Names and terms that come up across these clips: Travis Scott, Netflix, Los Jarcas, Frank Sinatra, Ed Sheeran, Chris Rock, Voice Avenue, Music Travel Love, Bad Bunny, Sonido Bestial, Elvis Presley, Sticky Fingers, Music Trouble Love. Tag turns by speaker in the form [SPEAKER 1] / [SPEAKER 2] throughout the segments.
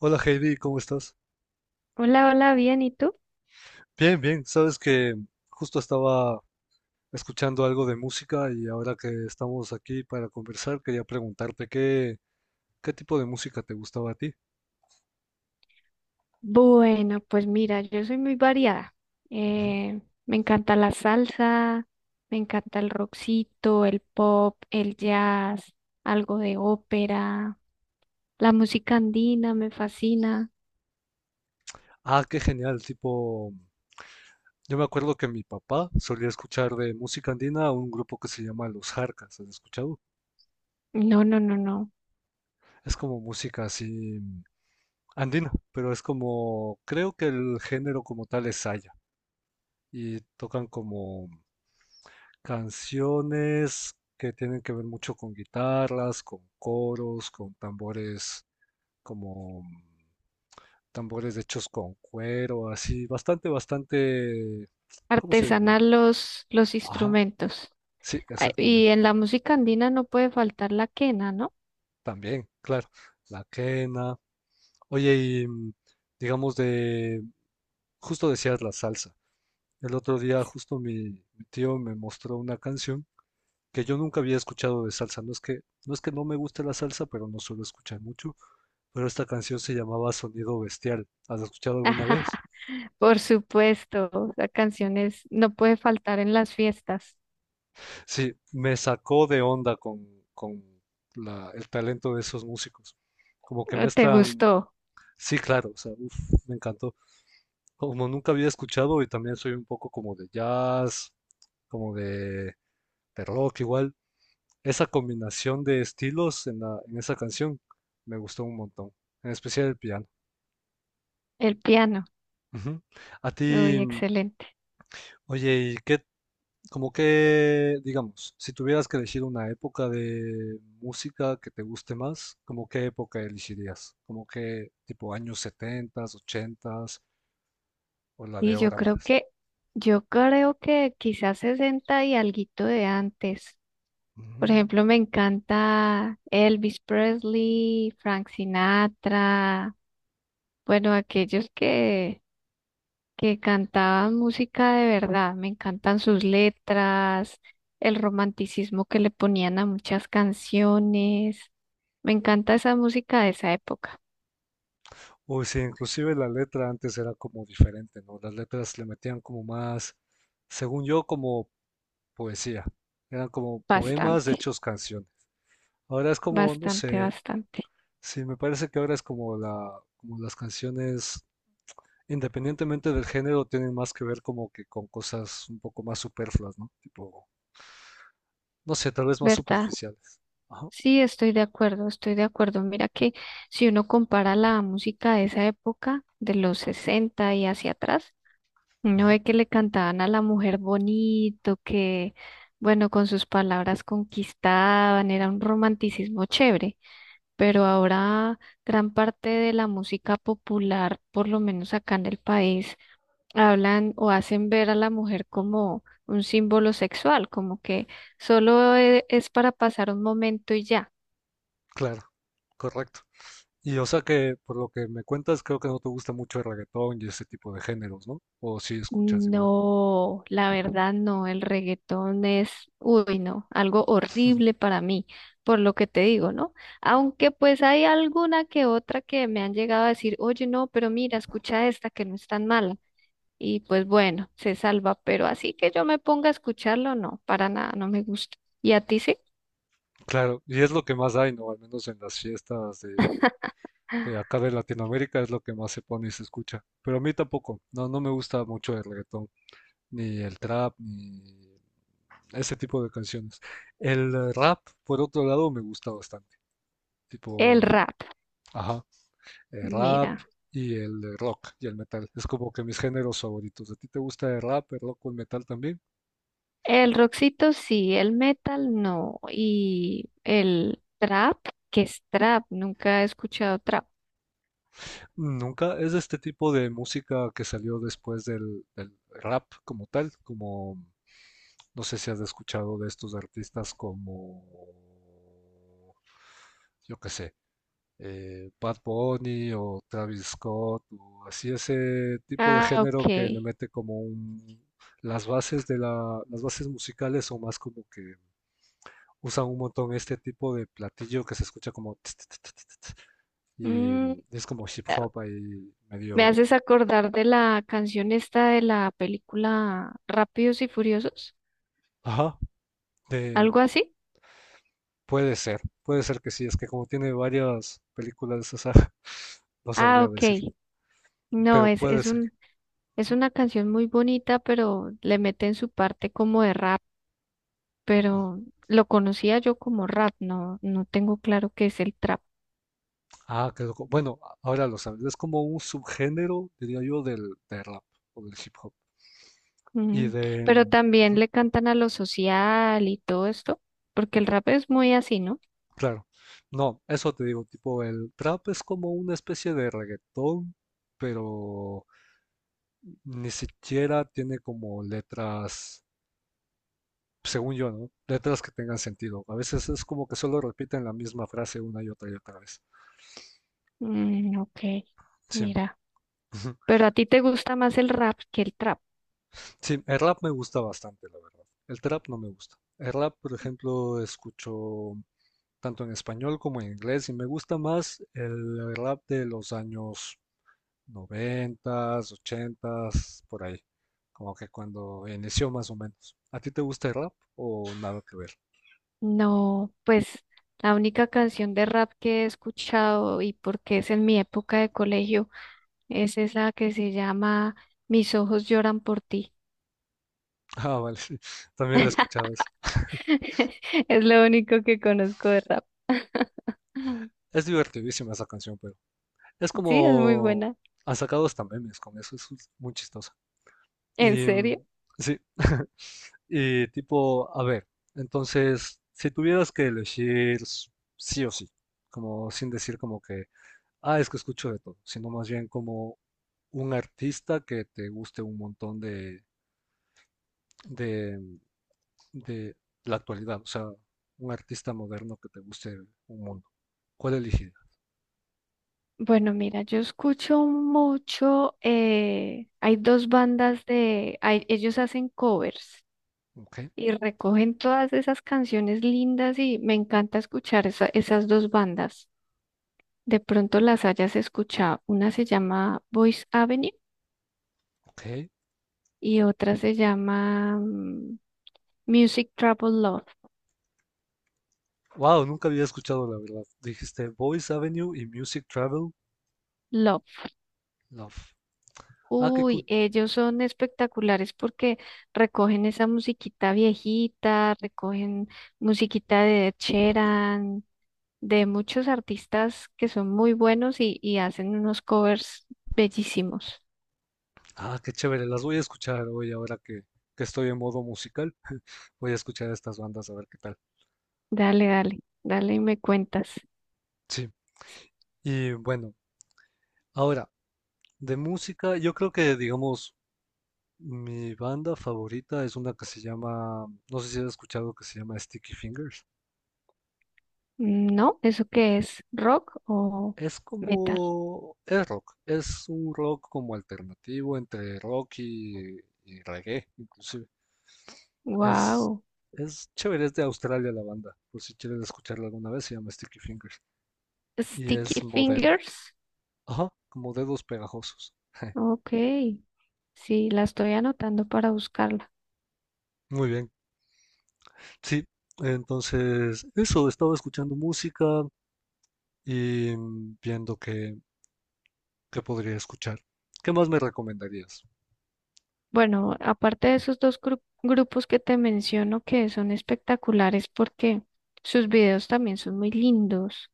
[SPEAKER 1] Hola Heidi, ¿cómo estás?
[SPEAKER 2] Hola, hola, bien, ¿y tú?
[SPEAKER 1] Bien, bien. Sabes que justo estaba escuchando algo de música y ahora que estamos aquí para conversar, quería preguntarte qué tipo de música te gustaba a ti.
[SPEAKER 2] Bueno, pues mira, yo soy muy variada.
[SPEAKER 1] Ujú.
[SPEAKER 2] Me encanta la salsa, me encanta el rockcito, el pop, el jazz, algo de ópera, la música andina me fascina.
[SPEAKER 1] Ah, qué genial. Tipo, yo me acuerdo que mi papá solía escuchar de música andina a un grupo que se llama Los Jarcas. ¿Has escuchado?
[SPEAKER 2] No, no, no, no.
[SPEAKER 1] Es como música así andina, pero es como, creo que el género como tal es saya y tocan como canciones que tienen que ver mucho con guitarras, con coros, con tambores como tambores hechos con cuero, así, bastante, bastante, ¿cómo se diría?
[SPEAKER 2] Artesanal los
[SPEAKER 1] Ajá,
[SPEAKER 2] instrumentos.
[SPEAKER 1] sí,
[SPEAKER 2] Ah, y
[SPEAKER 1] exactamente.
[SPEAKER 2] en la música andina no puede faltar la quena, ¿no?
[SPEAKER 1] También, claro, la quena. Oye, y digamos de, justo decías la salsa. El otro día justo mi tío me mostró una canción que yo nunca había escuchado de salsa. No es que no me guste la salsa, pero no suelo escuchar mucho. Pero esta canción se llamaba Sonido Bestial. ¿Has escuchado alguna vez?
[SPEAKER 2] Por supuesto, la canción es, no puede faltar en las fiestas.
[SPEAKER 1] Sí, me sacó de onda con el talento de esos músicos. Como que
[SPEAKER 2] ¿Te
[SPEAKER 1] mezclan.
[SPEAKER 2] gustó
[SPEAKER 1] Sí, claro, o sea, uf, me encantó. Como nunca había escuchado y también soy un poco como de jazz, como de, de rock igual. Esa combinación de estilos en en esa canción me gustó un montón, en especial el piano.
[SPEAKER 2] el piano?
[SPEAKER 1] Ujú. A ti,
[SPEAKER 2] Uy, excelente.
[SPEAKER 1] oye, ¿y qué, como que, digamos, si tuvieras que elegir una época de música que te guste más, como qué época elegirías? ¿Como que tipo años 70, 80 o la de
[SPEAKER 2] Y
[SPEAKER 1] ahora más?
[SPEAKER 2] yo creo que quizás 60 y alguito de antes.
[SPEAKER 1] Ujú.
[SPEAKER 2] Por ejemplo, me encanta Elvis Presley, Frank Sinatra, bueno, aquellos que cantaban música de verdad. Me encantan sus letras, el romanticismo que le ponían a muchas canciones. Me encanta esa música de esa época.
[SPEAKER 1] Uy, sí, inclusive la letra antes era como diferente, ¿no? Las letras le metían como más, según yo, como poesía. Eran como poemas
[SPEAKER 2] Bastante,
[SPEAKER 1] hechos canción. Ahora es como, no
[SPEAKER 2] bastante,
[SPEAKER 1] sé,
[SPEAKER 2] bastante.
[SPEAKER 1] sí, me parece que ahora es como como las canciones, independientemente del género, tienen más que ver como que con cosas un poco más superfluas, ¿no? Tipo, no sé, tal vez más
[SPEAKER 2] ¿Verdad?
[SPEAKER 1] superficiales. Ajá.
[SPEAKER 2] Sí, estoy de acuerdo, estoy de acuerdo. Mira que si uno compara la música de esa época, de los 60 y hacia atrás, uno
[SPEAKER 1] Ujú.
[SPEAKER 2] ve que le cantaban a la mujer bonito, que, bueno, con sus palabras conquistaban, era un romanticismo chévere, pero ahora gran parte de la música popular, por lo menos acá en el país, hablan o hacen ver a la mujer como un símbolo sexual, como que solo es para pasar un momento y ya.
[SPEAKER 1] Claro, correcto. Y o sea que por lo que me cuentas, creo que no te gusta mucho el reggaetón y ese tipo de géneros, ¿no? O si escuchas igual.
[SPEAKER 2] No, la verdad no, el reggaetón es, uy, no, algo horrible para mí, por lo que te digo, ¿no? Aunque pues hay alguna que otra que me han llegado a decir, oye, no, pero mira, escucha esta que no es tan mala. Y pues bueno, se salva, pero así que yo me ponga a escucharlo, no, para nada, no me gusta. ¿Y a ti sí?
[SPEAKER 1] Claro, y es lo que más hay, ¿no? Al menos en las fiestas de acá de Latinoamérica es lo que más se pone y se escucha. Pero a mí tampoco, no, no me gusta mucho el reggaetón, ni el trap, ni ese tipo de canciones. El rap, por otro lado, me gusta bastante.
[SPEAKER 2] El
[SPEAKER 1] Tipo,
[SPEAKER 2] rap,
[SPEAKER 1] ajá, el rap
[SPEAKER 2] mira,
[SPEAKER 1] y el rock y el metal. Es como que mis géneros favoritos. ¿A ti te gusta el rap, el rock o el metal también?
[SPEAKER 2] el rockcito sí, el metal no, y el trap, ¿qué es trap? Nunca he escuchado trap.
[SPEAKER 1] Nunca. Es este tipo de música que salió después del rap como tal, como... No sé si has escuchado de estos artistas como, yo qué sé, Bad Bunny o Travis Scott, o así ese tipo de
[SPEAKER 2] Ah,
[SPEAKER 1] género que le
[SPEAKER 2] ok.
[SPEAKER 1] mete como un, las bases de las bases musicales son más como que usan un montón este tipo de platillo que se escucha como tss, tss, tss, tss, tss, y
[SPEAKER 2] Mm,
[SPEAKER 1] es como hip
[SPEAKER 2] ah,
[SPEAKER 1] hop ahí
[SPEAKER 2] Me
[SPEAKER 1] medio,
[SPEAKER 2] haces acordar de la canción esta de la película Rápidos y Furiosos,
[SPEAKER 1] ajá, de-
[SPEAKER 2] algo así.
[SPEAKER 1] puede ser que sí, es que como tiene varias películas, o sea, no
[SPEAKER 2] Ah,
[SPEAKER 1] sabría
[SPEAKER 2] ok.
[SPEAKER 1] decir,
[SPEAKER 2] No,
[SPEAKER 1] pero puede
[SPEAKER 2] es
[SPEAKER 1] ser.
[SPEAKER 2] un, es una canción muy bonita, pero le meten su parte como de rap, pero lo conocía yo como rap, no, no tengo claro qué es el trap.
[SPEAKER 1] Ah, qué loco. Bueno, ahora lo sabes. Es como un subgénero, diría yo, del rap o del hip hop. Y
[SPEAKER 2] Mm,
[SPEAKER 1] de,
[SPEAKER 2] pero también le cantan a lo social y todo esto, porque el rap es muy así, ¿no?
[SPEAKER 1] claro, no, eso te digo, tipo, el trap es como una especie de reggaetón, pero ni siquiera tiene como letras, según yo, ¿no? Letras que tengan sentido. A veces es como que solo repiten la misma frase una y otra vez.
[SPEAKER 2] Mm, ok,
[SPEAKER 1] Sí.
[SPEAKER 2] mira.
[SPEAKER 1] Ujú.
[SPEAKER 2] Pero a ti te gusta más el rap que el trap.
[SPEAKER 1] Sí, el rap me gusta bastante, la verdad. El trap no me gusta. El rap, por ejemplo, escucho tanto en español como en inglés, y me gusta más el rap de los años noventas, ochentas, por ahí, como que cuando inició más o menos. ¿A ti te gusta el rap o nada que ver?
[SPEAKER 2] No, pues la única canción de rap que he escuchado y porque es en mi época de colegio es esa que se llama Mis ojos lloran por ti.
[SPEAKER 1] Ah, vale, sí, también la escuchaba esa.
[SPEAKER 2] Es lo único que conozco de rap.
[SPEAKER 1] Es divertidísima esa canción, pero es
[SPEAKER 2] Sí, es muy
[SPEAKER 1] como
[SPEAKER 2] buena.
[SPEAKER 1] han sacado hasta memes con eso, es muy chistosa.
[SPEAKER 2] ¿En
[SPEAKER 1] Y
[SPEAKER 2] serio?
[SPEAKER 1] sí, y tipo, a ver, entonces, si tuvieras que elegir sí o sí, como sin decir como que ah, es que escucho de todo, sino más bien como un artista que te guste un montón de, de la actualidad, o sea, un artista moderno que te guste un mundo. ¿Cuál elegiría?
[SPEAKER 2] Bueno, mira, yo escucho mucho, hay dos bandas de, ellos hacen covers.
[SPEAKER 1] Ok,
[SPEAKER 2] Y recogen todas esas canciones lindas y me encanta escuchar esas dos bandas. De pronto las hayas escuchado. Una se llama Voice Avenue
[SPEAKER 1] ok.
[SPEAKER 2] y otra se llama Music Trouble Love.
[SPEAKER 1] Wow, nunca había escuchado la verdad. Dijiste Voice Avenue y Music Travel
[SPEAKER 2] Love.
[SPEAKER 1] Love. Ah, qué
[SPEAKER 2] Uy,
[SPEAKER 1] cool.
[SPEAKER 2] ellos son espectaculares porque recogen esa musiquita viejita, recogen musiquita de Ed Sheeran, de muchos artistas que son muy buenos y hacen unos covers bellísimos.
[SPEAKER 1] Ah, qué chévere. Las voy a escuchar hoy ahora que estoy en modo musical. Voy a escuchar estas bandas a ver qué tal.
[SPEAKER 2] Dale, dale, dale y me cuentas.
[SPEAKER 1] Sí. Y bueno, ahora, de música, yo creo que digamos mi banda favorita es una que se llama, no sé si has escuchado, que se llama Sticky Fingers.
[SPEAKER 2] Mm, no, ¿eso qué es? ¿Rock o
[SPEAKER 1] Es
[SPEAKER 2] metal?
[SPEAKER 1] como, es rock, es un rock como alternativo entre rock y reggae, inclusive. Es,
[SPEAKER 2] Wow.
[SPEAKER 1] es chévere, es de Australia la banda, por si quieres escucharla alguna vez, se llama Sticky Fingers. Y
[SPEAKER 2] Sticky
[SPEAKER 1] es moderno,
[SPEAKER 2] Fingers.
[SPEAKER 1] ajá, como dedos pegajosos.
[SPEAKER 2] Ok, sí, la estoy anotando para buscarla.
[SPEAKER 1] Muy bien, sí, entonces eso, estaba escuchando música y viendo que podría escuchar. ¿Qué más me recomendarías?
[SPEAKER 2] Bueno, aparte de esos dos grupos que te menciono que son espectaculares porque sus videos también son muy lindos.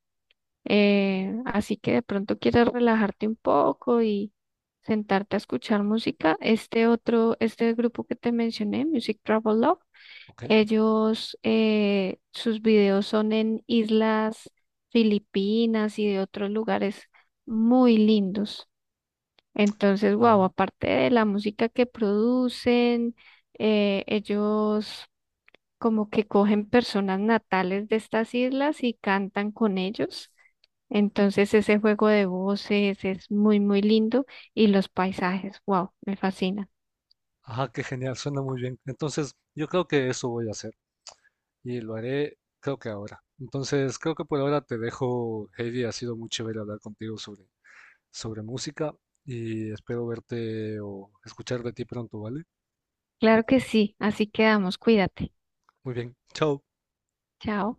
[SPEAKER 2] Así que de pronto quieres relajarte un poco y sentarte a escuchar música. Este otro, este grupo que te mencioné, Music Travel Love.
[SPEAKER 1] Ok.
[SPEAKER 2] Ellos, sus videos son en islas Filipinas y de otros lugares muy lindos. Entonces, wow,
[SPEAKER 1] Ah,
[SPEAKER 2] aparte de la música que producen, ellos como que cogen personas natales de estas islas y cantan con ellos. Entonces, ese juego de voces es muy, muy lindo y los paisajes, wow, me fascina.
[SPEAKER 1] ajá, qué genial, suena muy bien. Entonces, yo creo que eso voy a hacer y lo haré, creo que ahora. Entonces, creo que por ahora te dejo, Heidi. Ha sido muy chévere hablar contigo sobre, sobre música y espero verte o escuchar de ti pronto, ¿vale?
[SPEAKER 2] Claro que sí, así quedamos, cuídate.
[SPEAKER 1] Muy bien, chao.
[SPEAKER 2] Chao.